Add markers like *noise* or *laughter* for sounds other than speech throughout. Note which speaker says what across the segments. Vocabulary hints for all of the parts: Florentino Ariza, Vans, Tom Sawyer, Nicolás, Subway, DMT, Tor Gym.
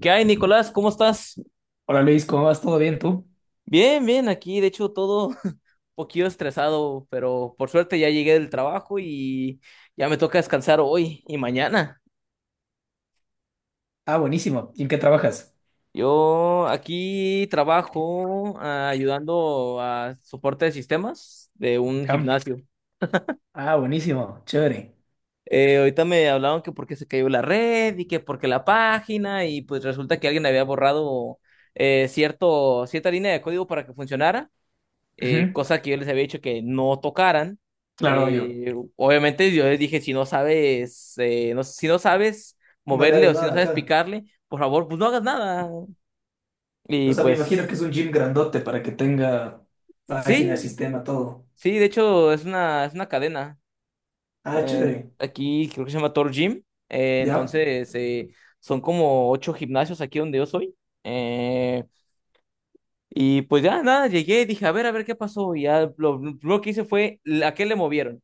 Speaker 1: ¿Qué hay, Nicolás? ¿Cómo estás?
Speaker 2: Hola Luis, ¿cómo vas? ¿Todo bien tú?
Speaker 1: Bien, bien, aquí de hecho todo *laughs* un poquito estresado, pero por suerte ya llegué del trabajo y ya me toca descansar hoy y mañana.
Speaker 2: Ah, buenísimo. ¿Y en qué trabajas?
Speaker 1: Yo aquí trabajo ayudando a soporte de sistemas de un
Speaker 2: Ya.
Speaker 1: gimnasio.
Speaker 2: Ah, buenísimo. Chévere.
Speaker 1: Ahorita me hablaron que porque se cayó la red y que porque la página y pues resulta que alguien había borrado cierta línea de código para que funcionara,
Speaker 2: Ujú.
Speaker 1: cosa que yo les había dicho que no tocaran.
Speaker 2: Claro, obvio.
Speaker 1: Obviamente yo les dije, si no sabes, si no sabes
Speaker 2: No le
Speaker 1: moverle
Speaker 2: hagas
Speaker 1: o si no
Speaker 2: nada,
Speaker 1: sabes
Speaker 2: ajá.
Speaker 1: picarle, por favor, pues no hagas nada.
Speaker 2: O
Speaker 1: Y
Speaker 2: sea, me imagino
Speaker 1: pues
Speaker 2: que es un gym grandote para que tenga página,
Speaker 1: sí,
Speaker 2: sistema, todo.
Speaker 1: sí, de hecho es es una cadena.
Speaker 2: Ah, chévere.
Speaker 1: Aquí creo que se llama Tor Gym. Eh,
Speaker 2: Ya.
Speaker 1: entonces eh, son como 8 gimnasios aquí donde yo soy. eh, Y pues ya nada, llegué y dije, a ver qué pasó. Y ya lo primero que hice fue, ¿a qué le movieron?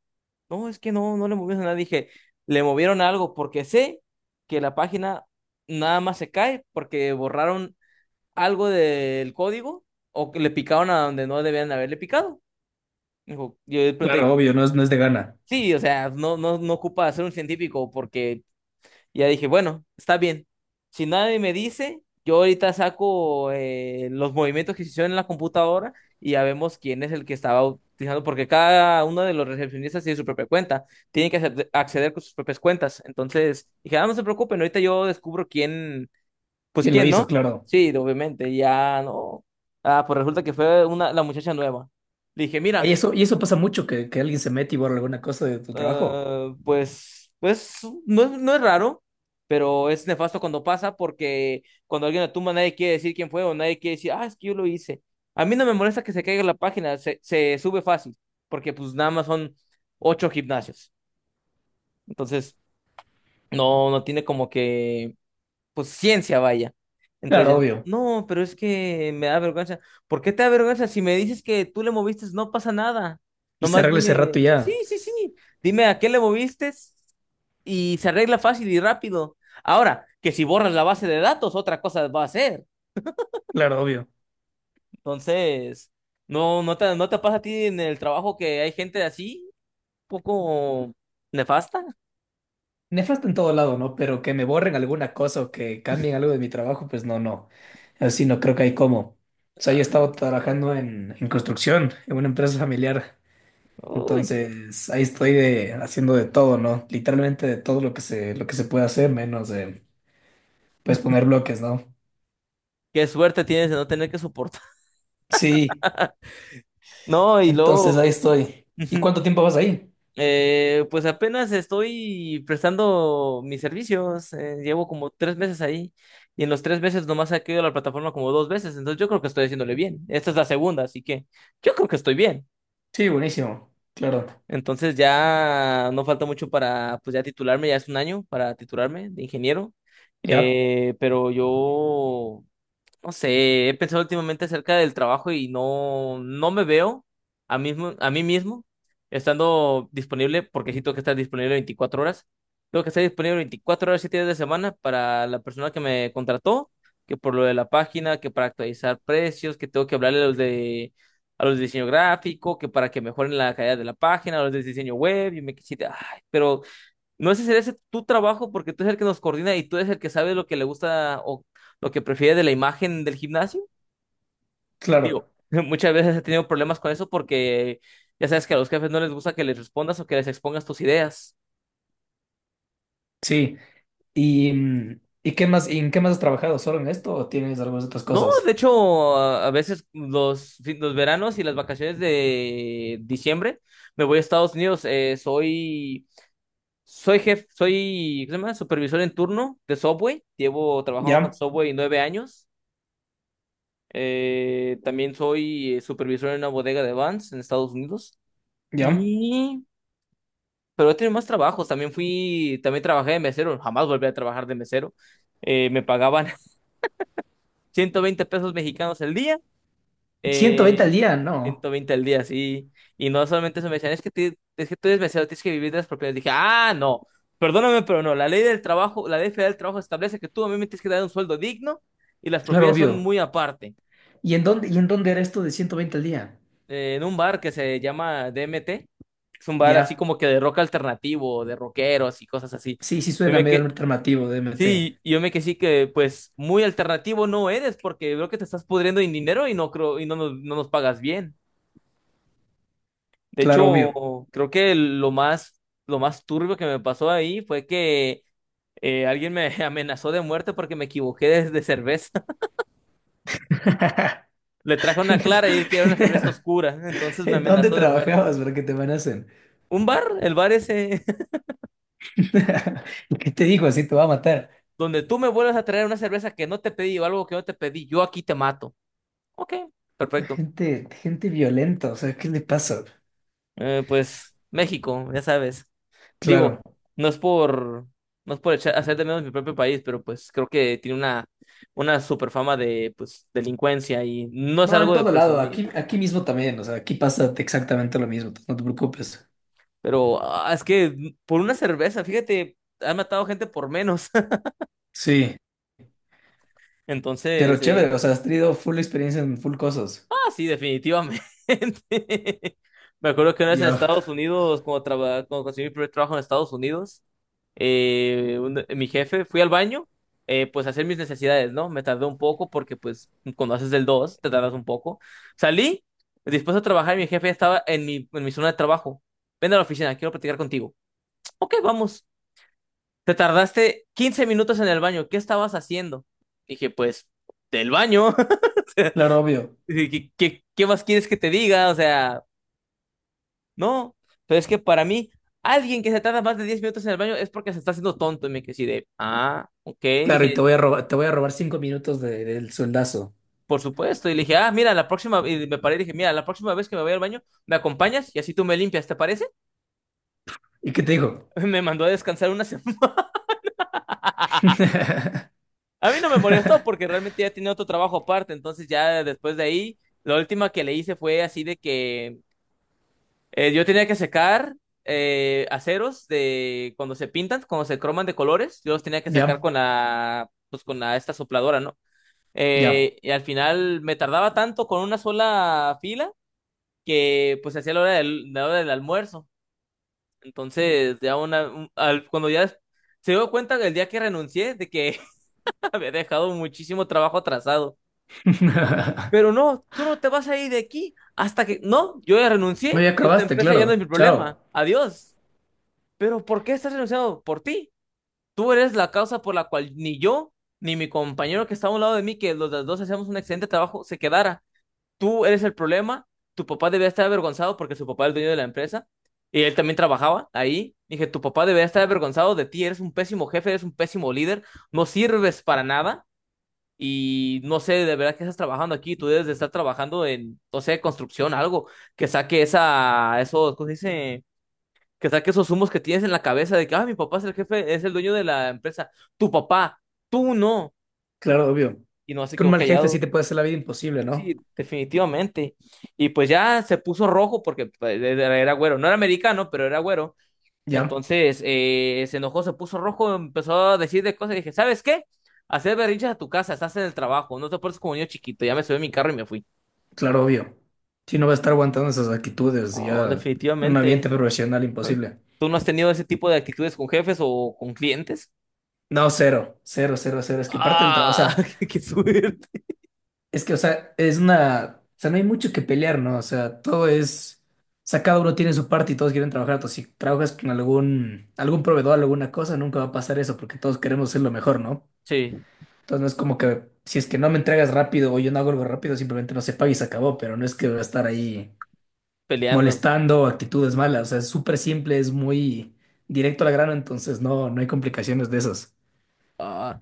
Speaker 1: No, es que no le movieron nada. Dije, le movieron algo porque sé que la página nada más se cae porque borraron algo del código o que le picaron a donde no debían haberle picado. Dijo, yo le pregunté,
Speaker 2: Claro, obvio, no es de gana.
Speaker 1: sí, o sea, no ocupa ser un científico porque, y ya dije, bueno, está bien. Si nadie me dice, yo ahorita saco los movimientos que se hicieron en la computadora y ya vemos quién es el que estaba utilizando, porque cada uno de los recepcionistas tiene su propia cuenta, tiene que acceder con sus propias cuentas. Entonces, dije, ah, no se preocupen, ahorita yo descubro quién, pues
Speaker 2: ¿Quién lo
Speaker 1: quién,
Speaker 2: hizo?
Speaker 1: ¿no?
Speaker 2: Claro.
Speaker 1: Sí, obviamente, ya no. Ah, pues resulta que la muchacha nueva. Le dije, mira.
Speaker 2: Y eso pasa mucho, que alguien se mete y borra alguna cosa de tu trabajo.
Speaker 1: Eh, pues, pues no, no es raro, pero es nefasto cuando pasa porque cuando alguien la tumba nadie quiere decir quién fue o nadie quiere decir, ah, es que yo lo hice. A mí no me molesta que se caiga la página, se sube fácil, porque pues nada más son 8 gimnasios. Entonces, no tiene como que pues ciencia, vaya. Entonces
Speaker 2: Claro,
Speaker 1: ya,
Speaker 2: obvio.
Speaker 1: no, pero es que me da vergüenza. ¿Por qué te da vergüenza? Si me dices que tú le moviste, no pasa nada.
Speaker 2: Y se
Speaker 1: Nomás
Speaker 2: arregla ese
Speaker 1: dime,
Speaker 2: rato y
Speaker 1: sí,
Speaker 2: ya.
Speaker 1: sí, sí, dime a qué le moviste y se arregla fácil y rápido. Ahora, que si borras la base de datos, otra cosa va a ser.
Speaker 2: Claro, obvio.
Speaker 1: Entonces, no te pasa a ti en el trabajo que hay gente así, poco nefasta.
Speaker 2: Nefasto en todo lado, ¿no? Pero que me borren alguna cosa o que cambien algo de mi trabajo, pues no, no. Así no creo que hay cómo. O sea, yo he estado trabajando en construcción, en una empresa familiar.
Speaker 1: Uy,
Speaker 2: Entonces, ahí estoy de, haciendo de todo, ¿no? Literalmente de todo lo que se puede hacer, menos de, pues, poner bloques, ¿no?
Speaker 1: qué suerte tienes de no tener que soportar. *laughs*
Speaker 2: Sí,
Speaker 1: No, y
Speaker 2: entonces
Speaker 1: luego.
Speaker 2: ahí estoy. ¿Y
Speaker 1: *laughs*
Speaker 2: cuánto tiempo vas ahí?
Speaker 1: Pues apenas estoy prestando mis servicios. Llevo como 3 meses ahí y en los 3 meses nomás he caído a la plataforma como 2 veces. Entonces yo creo que estoy haciéndole bien. Esta es la segunda, así que yo creo que estoy bien.
Speaker 2: Sí, buenísimo. Claro.
Speaker 1: Entonces ya no falta mucho para, pues ya titularme, ya es 1 año para titularme de ingeniero.
Speaker 2: Ya,
Speaker 1: Pero yo no sé, he pensado últimamente acerca del trabajo y no, no me veo a mí mismo estando disponible, porque sí tengo que estar disponible 24 horas. Tengo que estar disponible 24 horas, 7 días de semana para la persona que me contrató, que por lo de la página, que para actualizar precios, que tengo que hablarle a a los de diseño gráfico, que para que mejoren la calidad de la página, a los de diseño web, y me quisiera, ay, pero no sé si es tu trabajo porque tú eres el que nos coordina y tú eres el que sabe lo que le gusta o lo que prefiere de la imagen del gimnasio. Digo,
Speaker 2: claro.
Speaker 1: *laughs* muchas veces he tenido problemas con eso porque ya sabes que a los jefes no les gusta que les respondas o que les expongas tus ideas.
Speaker 2: Sí. ¿Y, y qué más, y en qué más has trabajado? ¿Solo en esto o tienes algunas otras
Speaker 1: No, de
Speaker 2: cosas?
Speaker 1: hecho, a veces los veranos y las vacaciones de diciembre me voy a Estados Unidos. Soy jefe, soy, ¿cómo se llama? Supervisor en turno de Subway. Llevo trabajando con
Speaker 2: Ya,
Speaker 1: Subway 9 años. También soy supervisor en una bodega de Vans en Estados Unidos.
Speaker 2: ya.
Speaker 1: Y... Pero he tenido más trabajos. También fui, también trabajé de mesero. Jamás volví a trabajar de mesero. Me pagaban *laughs* 120 pesos mexicanos el día.
Speaker 2: Ciento veinte al
Speaker 1: Eh,
Speaker 2: día, no.
Speaker 1: 120 al día, sí. Y no solamente eso, me decían, es que tú eres mesero, tienes que vivir de las propiedades. Dije, ah, no, perdóname, pero no. La ley del trabajo, la ley federal del trabajo establece que tú a mí me tienes que dar un sueldo digno y las
Speaker 2: Claro,
Speaker 1: propinas son
Speaker 2: obvio.
Speaker 1: muy aparte.
Speaker 2: Y en dónde era esto de 120 al día?
Speaker 1: En un bar que se llama DMT. Es un bar así
Speaker 2: Ya.
Speaker 1: como que de rock alternativo, de rockeros y cosas así.
Speaker 2: Sí, sí
Speaker 1: Yo
Speaker 2: suena
Speaker 1: me
Speaker 2: medio
Speaker 1: que...
Speaker 2: alternativo de
Speaker 1: Sí,
Speaker 2: MT.
Speaker 1: y yo me que sí que pues muy alternativo no eres porque veo que te estás pudriendo en dinero y no creo y no nos pagas bien. De
Speaker 2: Claro,
Speaker 1: hecho,
Speaker 2: obvio.
Speaker 1: creo que lo más turbio que me pasó ahí fue que alguien me *laughs* amenazó de muerte porque me equivoqué de cerveza.
Speaker 2: *laughs*
Speaker 1: *laughs* Le traje una clara y él quería una cerveza oscura, entonces me
Speaker 2: ¿En dónde
Speaker 1: amenazó de muerte.
Speaker 2: trabajabas para que te amenacen?
Speaker 1: Un bar, el bar ese
Speaker 2: *laughs* ¿Qué te digo? Así te va a matar.
Speaker 1: donde tú me vuelvas a traer una cerveza que no te pedí o algo que no te pedí, yo aquí te mato. Ok, perfecto.
Speaker 2: Gente, gente violenta, o sea, ¿qué le pasa?
Speaker 1: Pues México, ya sabes. Digo,
Speaker 2: Claro.
Speaker 1: no es por, no es por hacer de menos mi propio país, pero pues creo que tiene una super fama de pues, delincuencia y no es
Speaker 2: No, en
Speaker 1: algo de
Speaker 2: todo lado,
Speaker 1: presumir.
Speaker 2: aquí, aquí mismo también, o sea, aquí pasa exactamente lo mismo, no te preocupes.
Speaker 1: Pero ah, es que por una cerveza, fíjate, han matado gente por menos.
Speaker 2: Sí,
Speaker 1: *laughs* Entonces,
Speaker 2: pero chévere, o sea, has tenido full experiencia en full cosas.
Speaker 1: Ah, sí, definitivamente. *laughs* Me acuerdo que una vez en
Speaker 2: Ya.
Speaker 1: Estados Unidos, cuando conseguí mi primer trabajo en Estados Unidos, mi jefe, fui al baño, pues a hacer mis necesidades, ¿no? Me tardé un poco porque pues cuando haces el 2 te tardas un poco. Salí, dispuesto a trabajar y mi jefe ya estaba en mi zona de trabajo. Ven a la oficina, quiero platicar contigo. Ok, vamos. Te tardaste 15 minutos en el baño, ¿qué estabas haciendo? Dije, pues, del baño. *laughs*
Speaker 2: Claro, obvio.
Speaker 1: Sí, ¿qué, qué más quieres que te diga? O sea, no, pero es que para mí, alguien que se tarda más de 10 minutos en el baño es porque se está haciendo tonto. Y me quedé así de, ah, ok,
Speaker 2: Claro, y
Speaker 1: dije,
Speaker 2: te voy a robar, te voy a robar cinco minutos de- del sueldazo.
Speaker 1: por supuesto. Y le dije, ah, mira, la próxima, y me paré y dije, mira, la próxima vez que me vaya al baño, me acompañas y así tú me limpias, ¿te parece?
Speaker 2: ¿Y qué te digo?
Speaker 1: *laughs* Me mandó a descansar una semana. *laughs*
Speaker 2: *laughs*
Speaker 1: A mí no me molestó porque realmente ya tenía otro trabajo aparte, entonces ya después de ahí, la última que le hice fue así de que yo tenía que secar aceros de cuando se pintan, cuando se croman de colores, yo los tenía que secar
Speaker 2: Ya,
Speaker 1: con la, pues con la, esta sopladora, ¿no?
Speaker 2: ya.
Speaker 1: Y al final me tardaba tanto con una sola fila que pues hacía la hora del almuerzo. Entonces, ya cuando ya se dio cuenta el día que renuncié de que *laughs* había dejado muchísimo trabajo atrasado.
Speaker 2: *laughs*
Speaker 1: Pero no, tú no te vas a ir de aquí hasta que, no, yo ya
Speaker 2: No,
Speaker 1: renuncié,
Speaker 2: ya
Speaker 1: esta
Speaker 2: acabaste,
Speaker 1: empresa ya no es
Speaker 2: claro.
Speaker 1: mi
Speaker 2: Chao.
Speaker 1: problema. Adiós. Pero ¿por qué estás renunciando? Por ti. Tú eres la causa por la cual ni yo, ni mi compañero que está a un lado de mí, que los dos hacíamos un excelente trabajo, se quedara. Tú eres el problema. Tu papá debía estar avergonzado porque su papá es el dueño de la empresa y él también trabajaba ahí. Dije, tu papá debería estar avergonzado de ti. Eres un pésimo jefe, eres un pésimo líder. No sirves para nada. Y no sé de verdad que estás trabajando aquí, tú debes de estar trabajando en, no sé, construcción, algo que saque esa, eso, ¿cómo se dice? Que saque esos humos que tienes en la cabeza de que, ah, mi papá es el jefe, es el dueño de la empresa, tu papá, tú no,
Speaker 2: Claro, obvio.
Speaker 1: y no
Speaker 2: Es
Speaker 1: se
Speaker 2: que un
Speaker 1: quedó
Speaker 2: mal jefe sí
Speaker 1: callado.
Speaker 2: te puede hacer la vida imposible, ¿no?
Speaker 1: Sí, definitivamente. Y pues ya se puso rojo porque pues, era güero, no era americano, pero era güero.
Speaker 2: Ya,
Speaker 1: Entonces se enojó, se puso rojo, empezó a decir de cosas y dije, ¿sabes qué? Hacer berrinches a tu casa, estás en el trabajo, no te portes como niño chiquito, ya me subí a mi carro y me fui.
Speaker 2: claro, obvio. Si no va a estar aguantando esas actitudes,
Speaker 1: Oh,
Speaker 2: ya en un ambiente
Speaker 1: definitivamente.
Speaker 2: profesional
Speaker 1: *laughs*
Speaker 2: imposible.
Speaker 1: ¿Tú no has tenido ese tipo de actitudes con jefes o con clientes?
Speaker 2: No, cero, cero, cero, cero. Es que parte del trabajo, o
Speaker 1: Ah,
Speaker 2: sea.
Speaker 1: *laughs* qué suerte.
Speaker 2: Es que, o sea, es una. O sea, no hay mucho que pelear, ¿no? O sea, todo es. O sea, cada uno tiene su parte y todos quieren trabajar. Entonces, si trabajas con algún, algún proveedor, alguna cosa, nunca va a pasar eso porque todos queremos ser lo mejor, ¿no?
Speaker 1: Sí,
Speaker 2: Entonces, no es como que si es que no me entregas rápido o yo no hago algo rápido, simplemente no se paga y se acabó. Pero no es que va a estar ahí
Speaker 1: peleando.
Speaker 2: molestando, actitudes malas. O sea, es súper simple, es muy directo al grano. Entonces, no, no hay complicaciones de esas.
Speaker 1: Ah,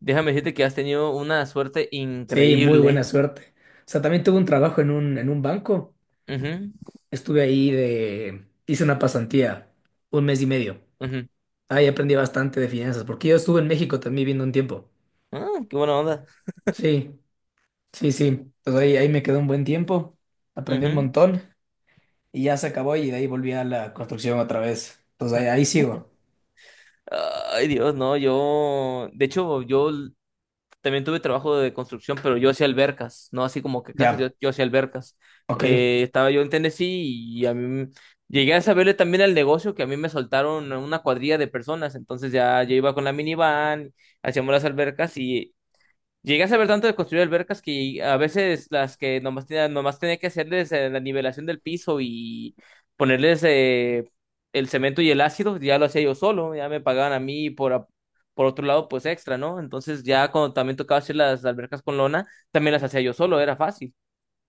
Speaker 1: déjame decirte que has tenido una suerte
Speaker 2: Sí, muy buena
Speaker 1: increíble.
Speaker 2: suerte. O sea, también tuve un trabajo en un banco.
Speaker 1: Ujú,
Speaker 2: Estuve ahí de... Hice una pasantía, un mes y medio.
Speaker 1: ujú.
Speaker 2: Ahí aprendí bastante de finanzas, porque yo estuve en México también viviendo un tiempo.
Speaker 1: Ah, qué buena onda.
Speaker 2: Sí, sí, sí. Entonces ahí, ahí me quedé un buen tiempo, aprendí un
Speaker 1: Ujú.
Speaker 2: montón y ya se acabó y de ahí volví a la construcción otra vez. Entonces ahí, ahí sigo.
Speaker 1: Ay, Dios, no, yo. De hecho, también tuve trabajo de construcción, pero yo hacía albercas, no así como que casas,
Speaker 2: Ya,
Speaker 1: yo hacía albercas.
Speaker 2: ok,
Speaker 1: Estaba yo en Tennessee y llegué a saberle también al negocio que a mí me soltaron una cuadrilla de personas, entonces ya yo iba con la minivan, hacíamos las albercas, y llegué a saber tanto de construir albercas que a veces las que nomás tenía que hacerles la nivelación del piso y ponerles el cemento y el ácido, ya lo hacía yo solo, ya me pagaban a mí por otro lado, pues extra, ¿no? Entonces ya cuando también tocaba hacer las albercas con lona, también las hacía yo solo, era fácil.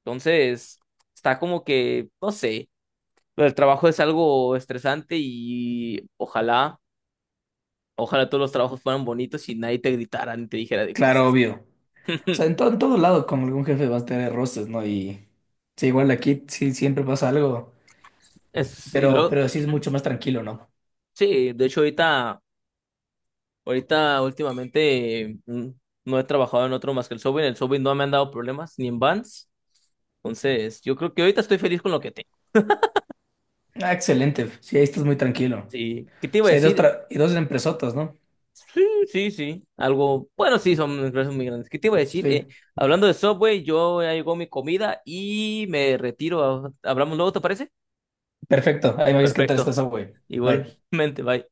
Speaker 1: Entonces, está como que, no sé, el trabajo es algo estresante y ojalá, ojalá todos los trabajos fueran bonitos y nadie te gritara ni te dijera de
Speaker 2: claro,
Speaker 1: cosas.
Speaker 2: obvio. O sea,
Speaker 1: *laughs*
Speaker 2: en todo lado con algún jefe vas a tener roces, ¿no? Y sí, igual aquí sí siempre pasa algo,
Speaker 1: Y luego...
Speaker 2: pero sí es mucho más tranquilo, ¿no?
Speaker 1: Sí, de hecho ahorita últimamente no he trabajado en otro más que el Subway. En el Subway no me han dado problemas, ni en Vans. Entonces, yo creo que ahorita estoy feliz con lo que tengo.
Speaker 2: Ah, excelente, sí, ahí estás muy tranquilo.
Speaker 1: Sí, ¿qué te iba a
Speaker 2: Sea, hay dos,
Speaker 1: decir?
Speaker 2: tra- y dos empresotas, ¿no?
Speaker 1: Sí, sí, sí. Algo, bueno, sí, son empresas muy grandes. ¿Qué te iba a decir?
Speaker 2: Sí.
Speaker 1: Hablando de Subway, yo ya llegó mi comida y me retiro. Hablamos luego, ¿te parece?
Speaker 2: Perfecto. Ahí me dices qué tal está
Speaker 1: Perfecto.
Speaker 2: esa, güey. Bye.
Speaker 1: Igualmente, bye.